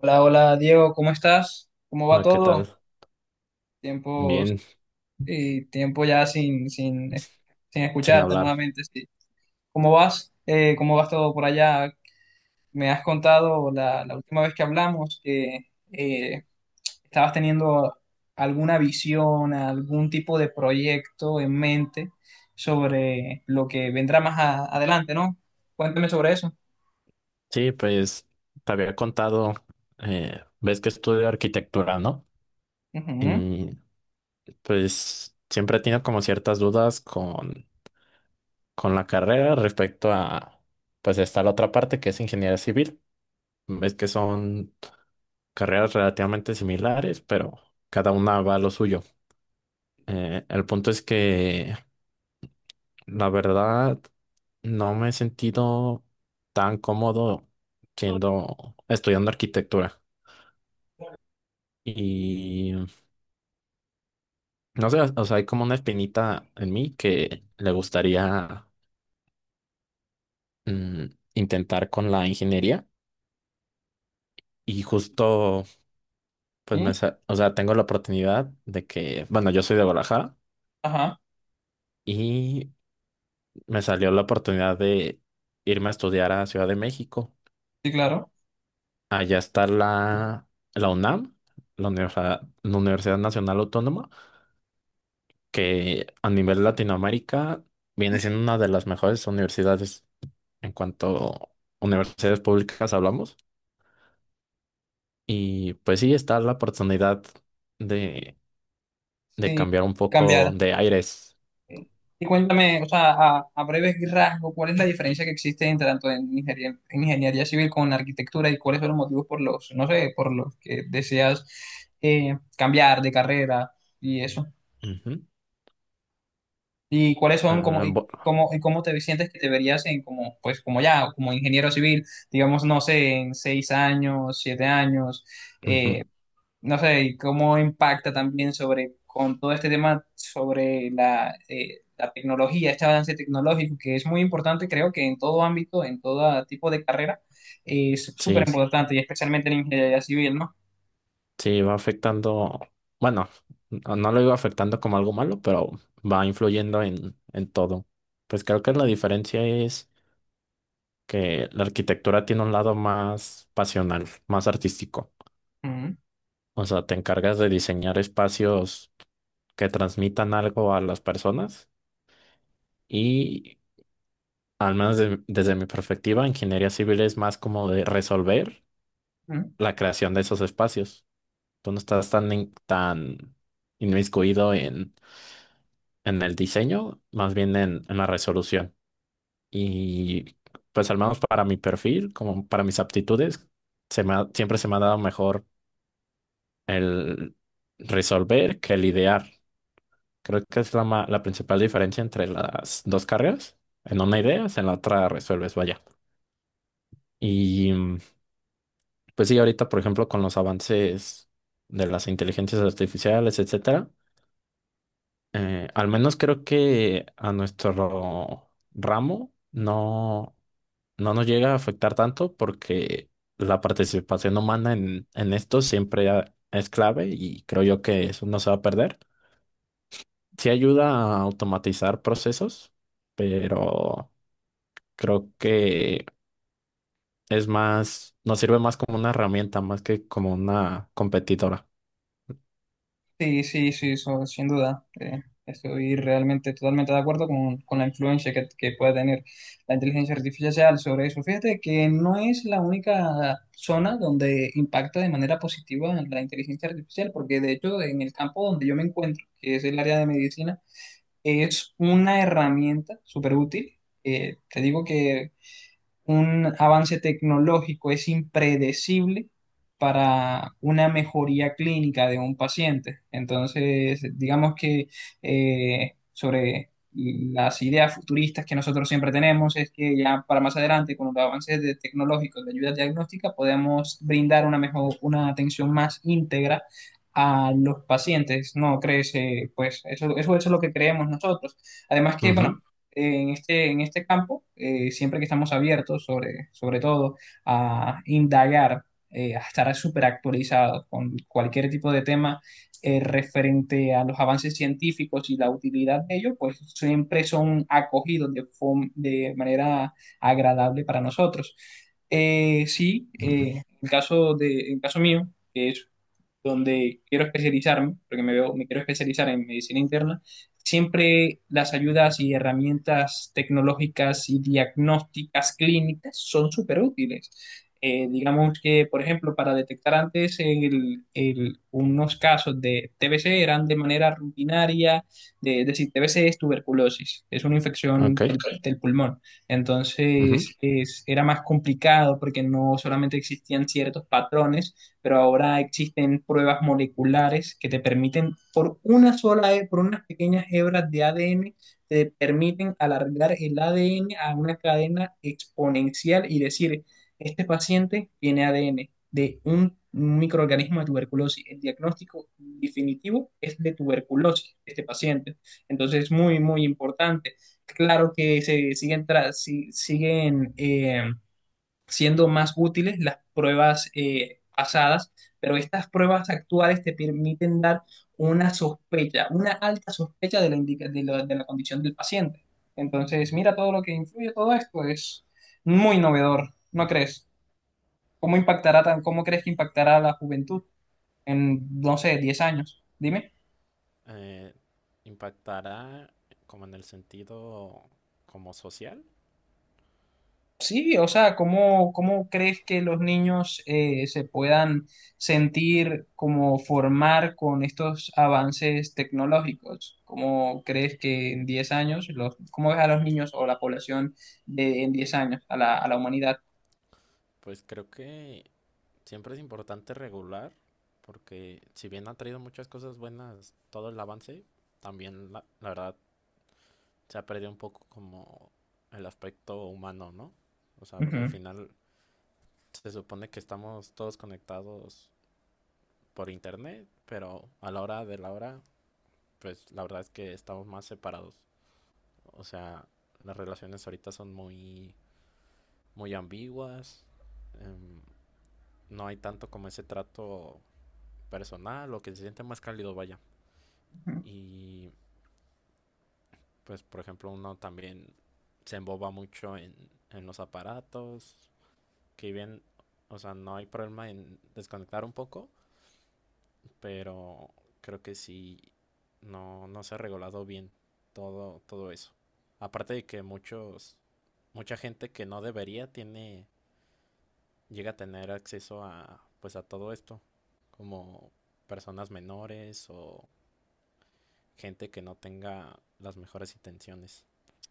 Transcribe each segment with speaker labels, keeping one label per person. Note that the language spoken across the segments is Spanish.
Speaker 1: Hola, hola Diego, ¿cómo estás? ¿Cómo va
Speaker 2: Ah, ¿qué
Speaker 1: todo?
Speaker 2: tal?
Speaker 1: Tiempos
Speaker 2: Bien,
Speaker 1: y tiempo ya sin
Speaker 2: sin
Speaker 1: escucharte
Speaker 2: hablar.
Speaker 1: nuevamente. Sí. ¿Cómo vas? ¿Cómo vas todo por allá? Me has contado la última vez que hablamos que eh, estabas teniendo alguna visión, algún tipo de proyecto en mente sobre lo que vendrá más adelante, ¿no? Cuéntame sobre eso.
Speaker 2: Sí, pues te había contado, ves que estudio arquitectura, ¿no?
Speaker 1: Ujú.
Speaker 2: Y pues siempre he tenido como ciertas dudas con la carrera respecto a, pues está la otra parte que es ingeniería civil. Ves que son carreras relativamente similares, pero cada una va a lo suyo. El punto es que la verdad no me he sentido tan cómodo siendo estudiando arquitectura. Y no sé, o sea, hay como una espinita en mí que le gustaría mm, intentar con la ingeniería. Y justo,
Speaker 1: ¿Y?
Speaker 2: o sea, tengo la oportunidad de que, bueno, yo soy de Guadalajara
Speaker 1: Ajá,
Speaker 2: y me salió la oportunidad de irme a estudiar a Ciudad de México.
Speaker 1: sí, claro.
Speaker 2: Allá está la UNAM, la Universidad Nacional Autónoma, que a nivel Latinoamérica viene siendo una de las mejores universidades en cuanto a universidades públicas hablamos. Y pues sí, está la oportunidad de, de
Speaker 1: Sí,
Speaker 2: cambiar un poco
Speaker 1: cambiar.
Speaker 2: de aires.
Speaker 1: Y cuéntame, o sea, a breves rasgos, ¿cuál es la diferencia que existe entre tanto en ingeniería civil con arquitectura y cuáles son los motivos por los, no sé, por los que deseas cambiar de carrera y eso?
Speaker 2: Ujú.
Speaker 1: ¿Y cuáles son como
Speaker 2: Ah,
Speaker 1: y cómo te sientes que te verías en como pues como ya como ingeniero civil, digamos, no sé, en 6 años, 7 años, eh,
Speaker 2: ujú.
Speaker 1: no sé, y cómo impacta también sobre, con todo este tema sobre la, la tecnología, este avance tecnológico, que es muy importante, creo que en todo ámbito, en todo tipo de carrera, es súper
Speaker 2: Sí,
Speaker 1: Sí. importante, y especialmente en ingeniería civil, ¿no?
Speaker 2: sí, va afectando, bueno, no lo digo afectando como algo malo, pero va influyendo en todo. Pues creo que la diferencia es que la arquitectura tiene un lado más pasional, más artístico.
Speaker 1: Ujú,
Speaker 2: O sea, te encargas de diseñar espacios que transmitan algo a las personas y, al menos desde mi perspectiva, ingeniería civil es más como de resolver
Speaker 1: ujú.
Speaker 2: la creación de esos espacios. Tú no estás tan, tan inmiscuido en el diseño, más bien en la resolución. Y pues al menos para mi perfil, como para mis aptitudes, siempre se me ha dado mejor el resolver que el idear. Creo que es la principal diferencia entre las dos carreras. En una ideas, en la otra resuelves, vaya. Y pues sí, ahorita, por ejemplo, con los avances de las inteligencias artificiales, etcétera, al menos creo que a nuestro ramo no. No nos llega a afectar tanto porque la participación humana en esto siempre es clave y creo yo que eso no se va a perder. Sí ayuda a automatizar procesos, pero creo que es más, nos sirve más como una herramienta, más que como una competidora.
Speaker 1: Sí, sí, sí, eso, sin duda. Estoy realmente totalmente de acuerdo con la influencia que puede tener la inteligencia artificial sobre eso. Fíjate que no es la única zona donde impacta de manera positiva la inteligencia artificial, porque de hecho en el campo donde yo me encuentro, que es el área de medicina, es una herramienta súper útil. Te digo que un avance tecnológico es impredecible para una mejoría clínica de un paciente. Entonces, digamos que sobre las ideas futuristas que nosotros siempre tenemos es que ya para más adelante, con los avances tecnológicos de ayuda diagnóstica, podemos brindar una mejor, una atención más íntegra a los pacientes, ¿no crees? Pues eso, eso, eso es lo que creemos nosotros. Además que, bueno,
Speaker 2: Ujú,
Speaker 1: en este campo, siempre que estamos abiertos, sobre todo, a indagar, a estar súper actualizados con cualquier tipo de tema referente a los avances científicos y la utilidad de ellos, pues siempre son acogidos de manera agradable para nosotros. Eh, sí,
Speaker 2: ujú.
Speaker 1: eh, el caso de, el caso mío, que es donde quiero especializarme, porque me veo, me quiero especializar en medicina interna, siempre las ayudas y herramientas tecnológicas y diagnósticas clínicas son súper útiles. Digamos que, por ejemplo, para detectar antes unos casos de TBC eran de manera rutinaria, de, es decir, TBC es tuberculosis, es una
Speaker 2: Ok.
Speaker 1: infección del, Ok. del pulmón.
Speaker 2: Ujú.
Speaker 1: Entonces, era más complicado porque no solamente existían ciertos patrones, pero ahora existen pruebas moleculares que te permiten, por una sola, por unas pequeñas hebras de ADN, te permiten alargar el ADN a una cadena exponencial y decir, este paciente tiene ADN de un microorganismo de tuberculosis. El diagnóstico definitivo es de tuberculosis de este paciente. Entonces es muy, muy importante. Claro que se siguen, siguen siendo más útiles las pruebas pasadas, pero estas pruebas actuales te permiten dar una sospecha, una alta sospecha de la, de la condición del paciente. Entonces,
Speaker 2: Ujú.
Speaker 1: mira todo lo que influye todo esto, es muy novedor, ¿no crees? ¿Cómo crees que impactará a la juventud en, no sé, 10 años? Dime.
Speaker 2: Eh, ¿Impactará como en el sentido como social?
Speaker 1: Sí, o sea, cómo crees que los niños se puedan sentir como formar con estos avances tecnológicos? ¿Cómo crees que en 10 años, cómo ves a los niños o la población en 10 años, a a la humanidad?
Speaker 2: Pues creo que siempre es importante regular, porque si bien ha traído muchas cosas buenas todo el avance, también la verdad se ha perdido un poco como el aspecto humano, ¿no? O sea, al
Speaker 1: Ujú.
Speaker 2: final se supone que estamos todos conectados por internet, pero a la hora de la hora, pues la verdad es que estamos más separados. O sea, las relaciones ahorita son muy, muy ambiguas, em, no hay tanto como ese trato personal o que se siente más cálido, vaya. Y pues, por ejemplo, uno también se emboba mucho en los aparatos, que bien, o sea, no hay problema en desconectar un poco, pero creo que sí no, no se ha regulado bien todo, todo eso. Aparte de que mucha gente que no debería tiene, llega a tener acceso a, pues a todo esto, como personas menores o gente que no tenga las mejores intenciones.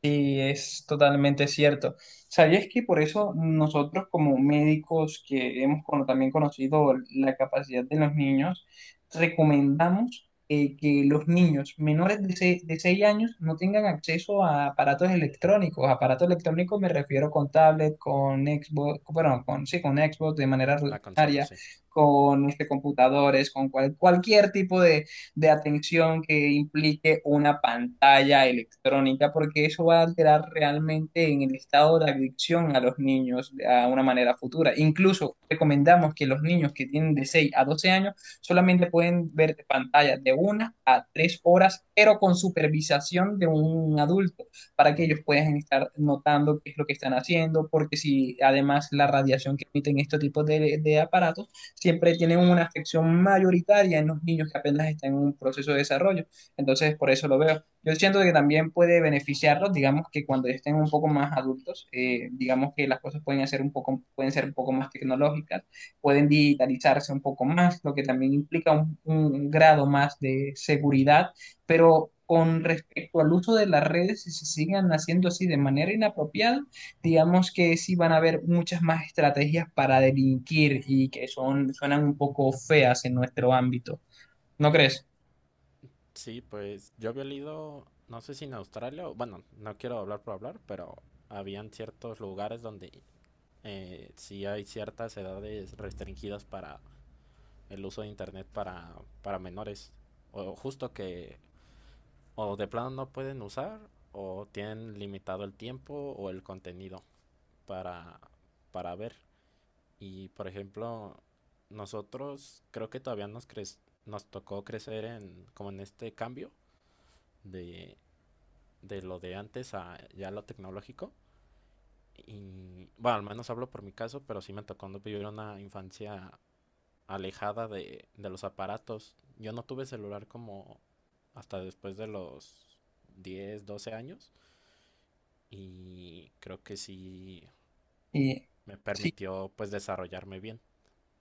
Speaker 1: Sí, es totalmente cierto. ¿Sabías que por eso nosotros como médicos que hemos también conocido la capacidad de los niños, recomendamos que los niños menores de 6 años no tengan acceso a aparatos electrónicos? Aparatos electrónicos me refiero con tablet, con Xbox, bueno, con, sí, con Xbox de manera
Speaker 2: La consola,
Speaker 1: rutinaria,
Speaker 2: sí.
Speaker 1: con computadores, con cualquier tipo de atención que implique una pantalla electrónica, porque eso va a alterar realmente en el estado de adicción a los niños a una manera futura. Incluso recomendamos que los niños que tienen de 6 a 12 años solamente pueden ver pantallas de 1 a 3 horas, pero con supervisación de un adulto, para que ellos
Speaker 2: Ujú.
Speaker 1: puedan estar notando qué es lo que están haciendo, porque si además la radiación que emiten estos tipos de aparatos siempre tienen una afección mayoritaria en los niños que apenas están en un proceso de desarrollo. Entonces, por eso lo veo. Yo siento que también puede beneficiarlos, digamos que cuando estén un poco más adultos, digamos que las cosas pueden hacer un poco, pueden ser un poco más tecnológicas, pueden digitalizarse un poco más, lo que también implica un grado más de seguridad, pero con respecto al uso de las redes, si se sigan haciendo así de manera inapropiada, digamos que sí van a haber muchas más estrategias para delinquir y que son, suenan un poco feas en nuestro ámbito. ¿No crees?
Speaker 2: Sí, pues yo había leído, no sé si en Australia, bueno, no quiero hablar por hablar, pero habían ciertos lugares donde sí hay ciertas edades restringidas para el uso de internet para menores. O justo que o de plano no pueden usar o tienen limitado el tiempo o el contenido para, para ver. Y por ejemplo, nosotros creo que todavía nos tocó crecer en como en este cambio de, de lo de antes a ya lo tecnológico. Y bueno, al menos hablo por mi caso, pero sí me tocó no vivir una infancia alejada de los aparatos. Yo no tuve celular como hasta después de los 10 12 años y creo que sí
Speaker 1: Y,
Speaker 2: me
Speaker 1: sí,
Speaker 2: permitió pues desarrollarme bien.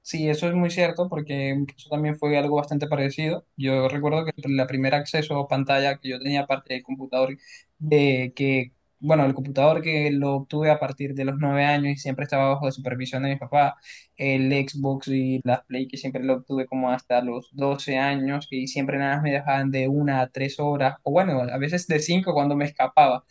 Speaker 1: Sí, eso es muy cierto porque eso también fue algo bastante parecido. Yo recuerdo que la primer acceso a pantalla que yo tenía aparte del computador, de que, bueno, el computador que lo obtuve a partir de los 9 años y siempre estaba bajo la supervisión de mi papá, el Xbox y las Play que siempre lo obtuve como hasta los 12 años y siempre nada más me dejaban de 1 a 3 horas, o bueno, a veces de cinco cuando me escapaba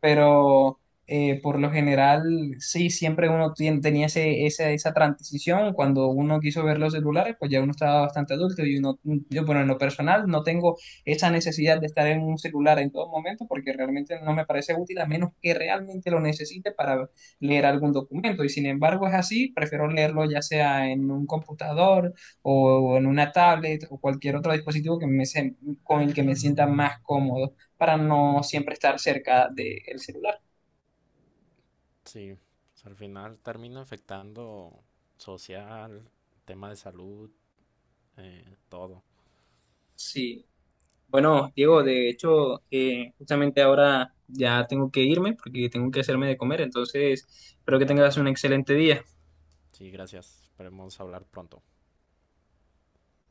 Speaker 1: pero por lo general sí, siempre uno tenía esa transición, cuando uno quiso ver los celulares, pues ya uno estaba bastante adulto y yo, bueno, en lo personal no tengo esa necesidad de estar en un celular en todo momento porque realmente no me parece útil a menos que realmente lo necesite para leer algún documento y sin embargo es así, prefiero leerlo ya sea en un computador o en una tablet o cualquier otro dispositivo que me, con el que me sienta más cómodo para no siempre estar cerca del celular.
Speaker 2: Sí, o sea, al final termina afectando social, tema de salud, todo.
Speaker 1: Sí, bueno, Diego, de hecho, justamente ahora ya tengo que irme porque tengo que hacerme de comer, entonces espero que
Speaker 2: Claro,
Speaker 1: tengas
Speaker 2: claro.
Speaker 1: un excelente día.
Speaker 2: Sí, gracias. Esperemos hablar pronto.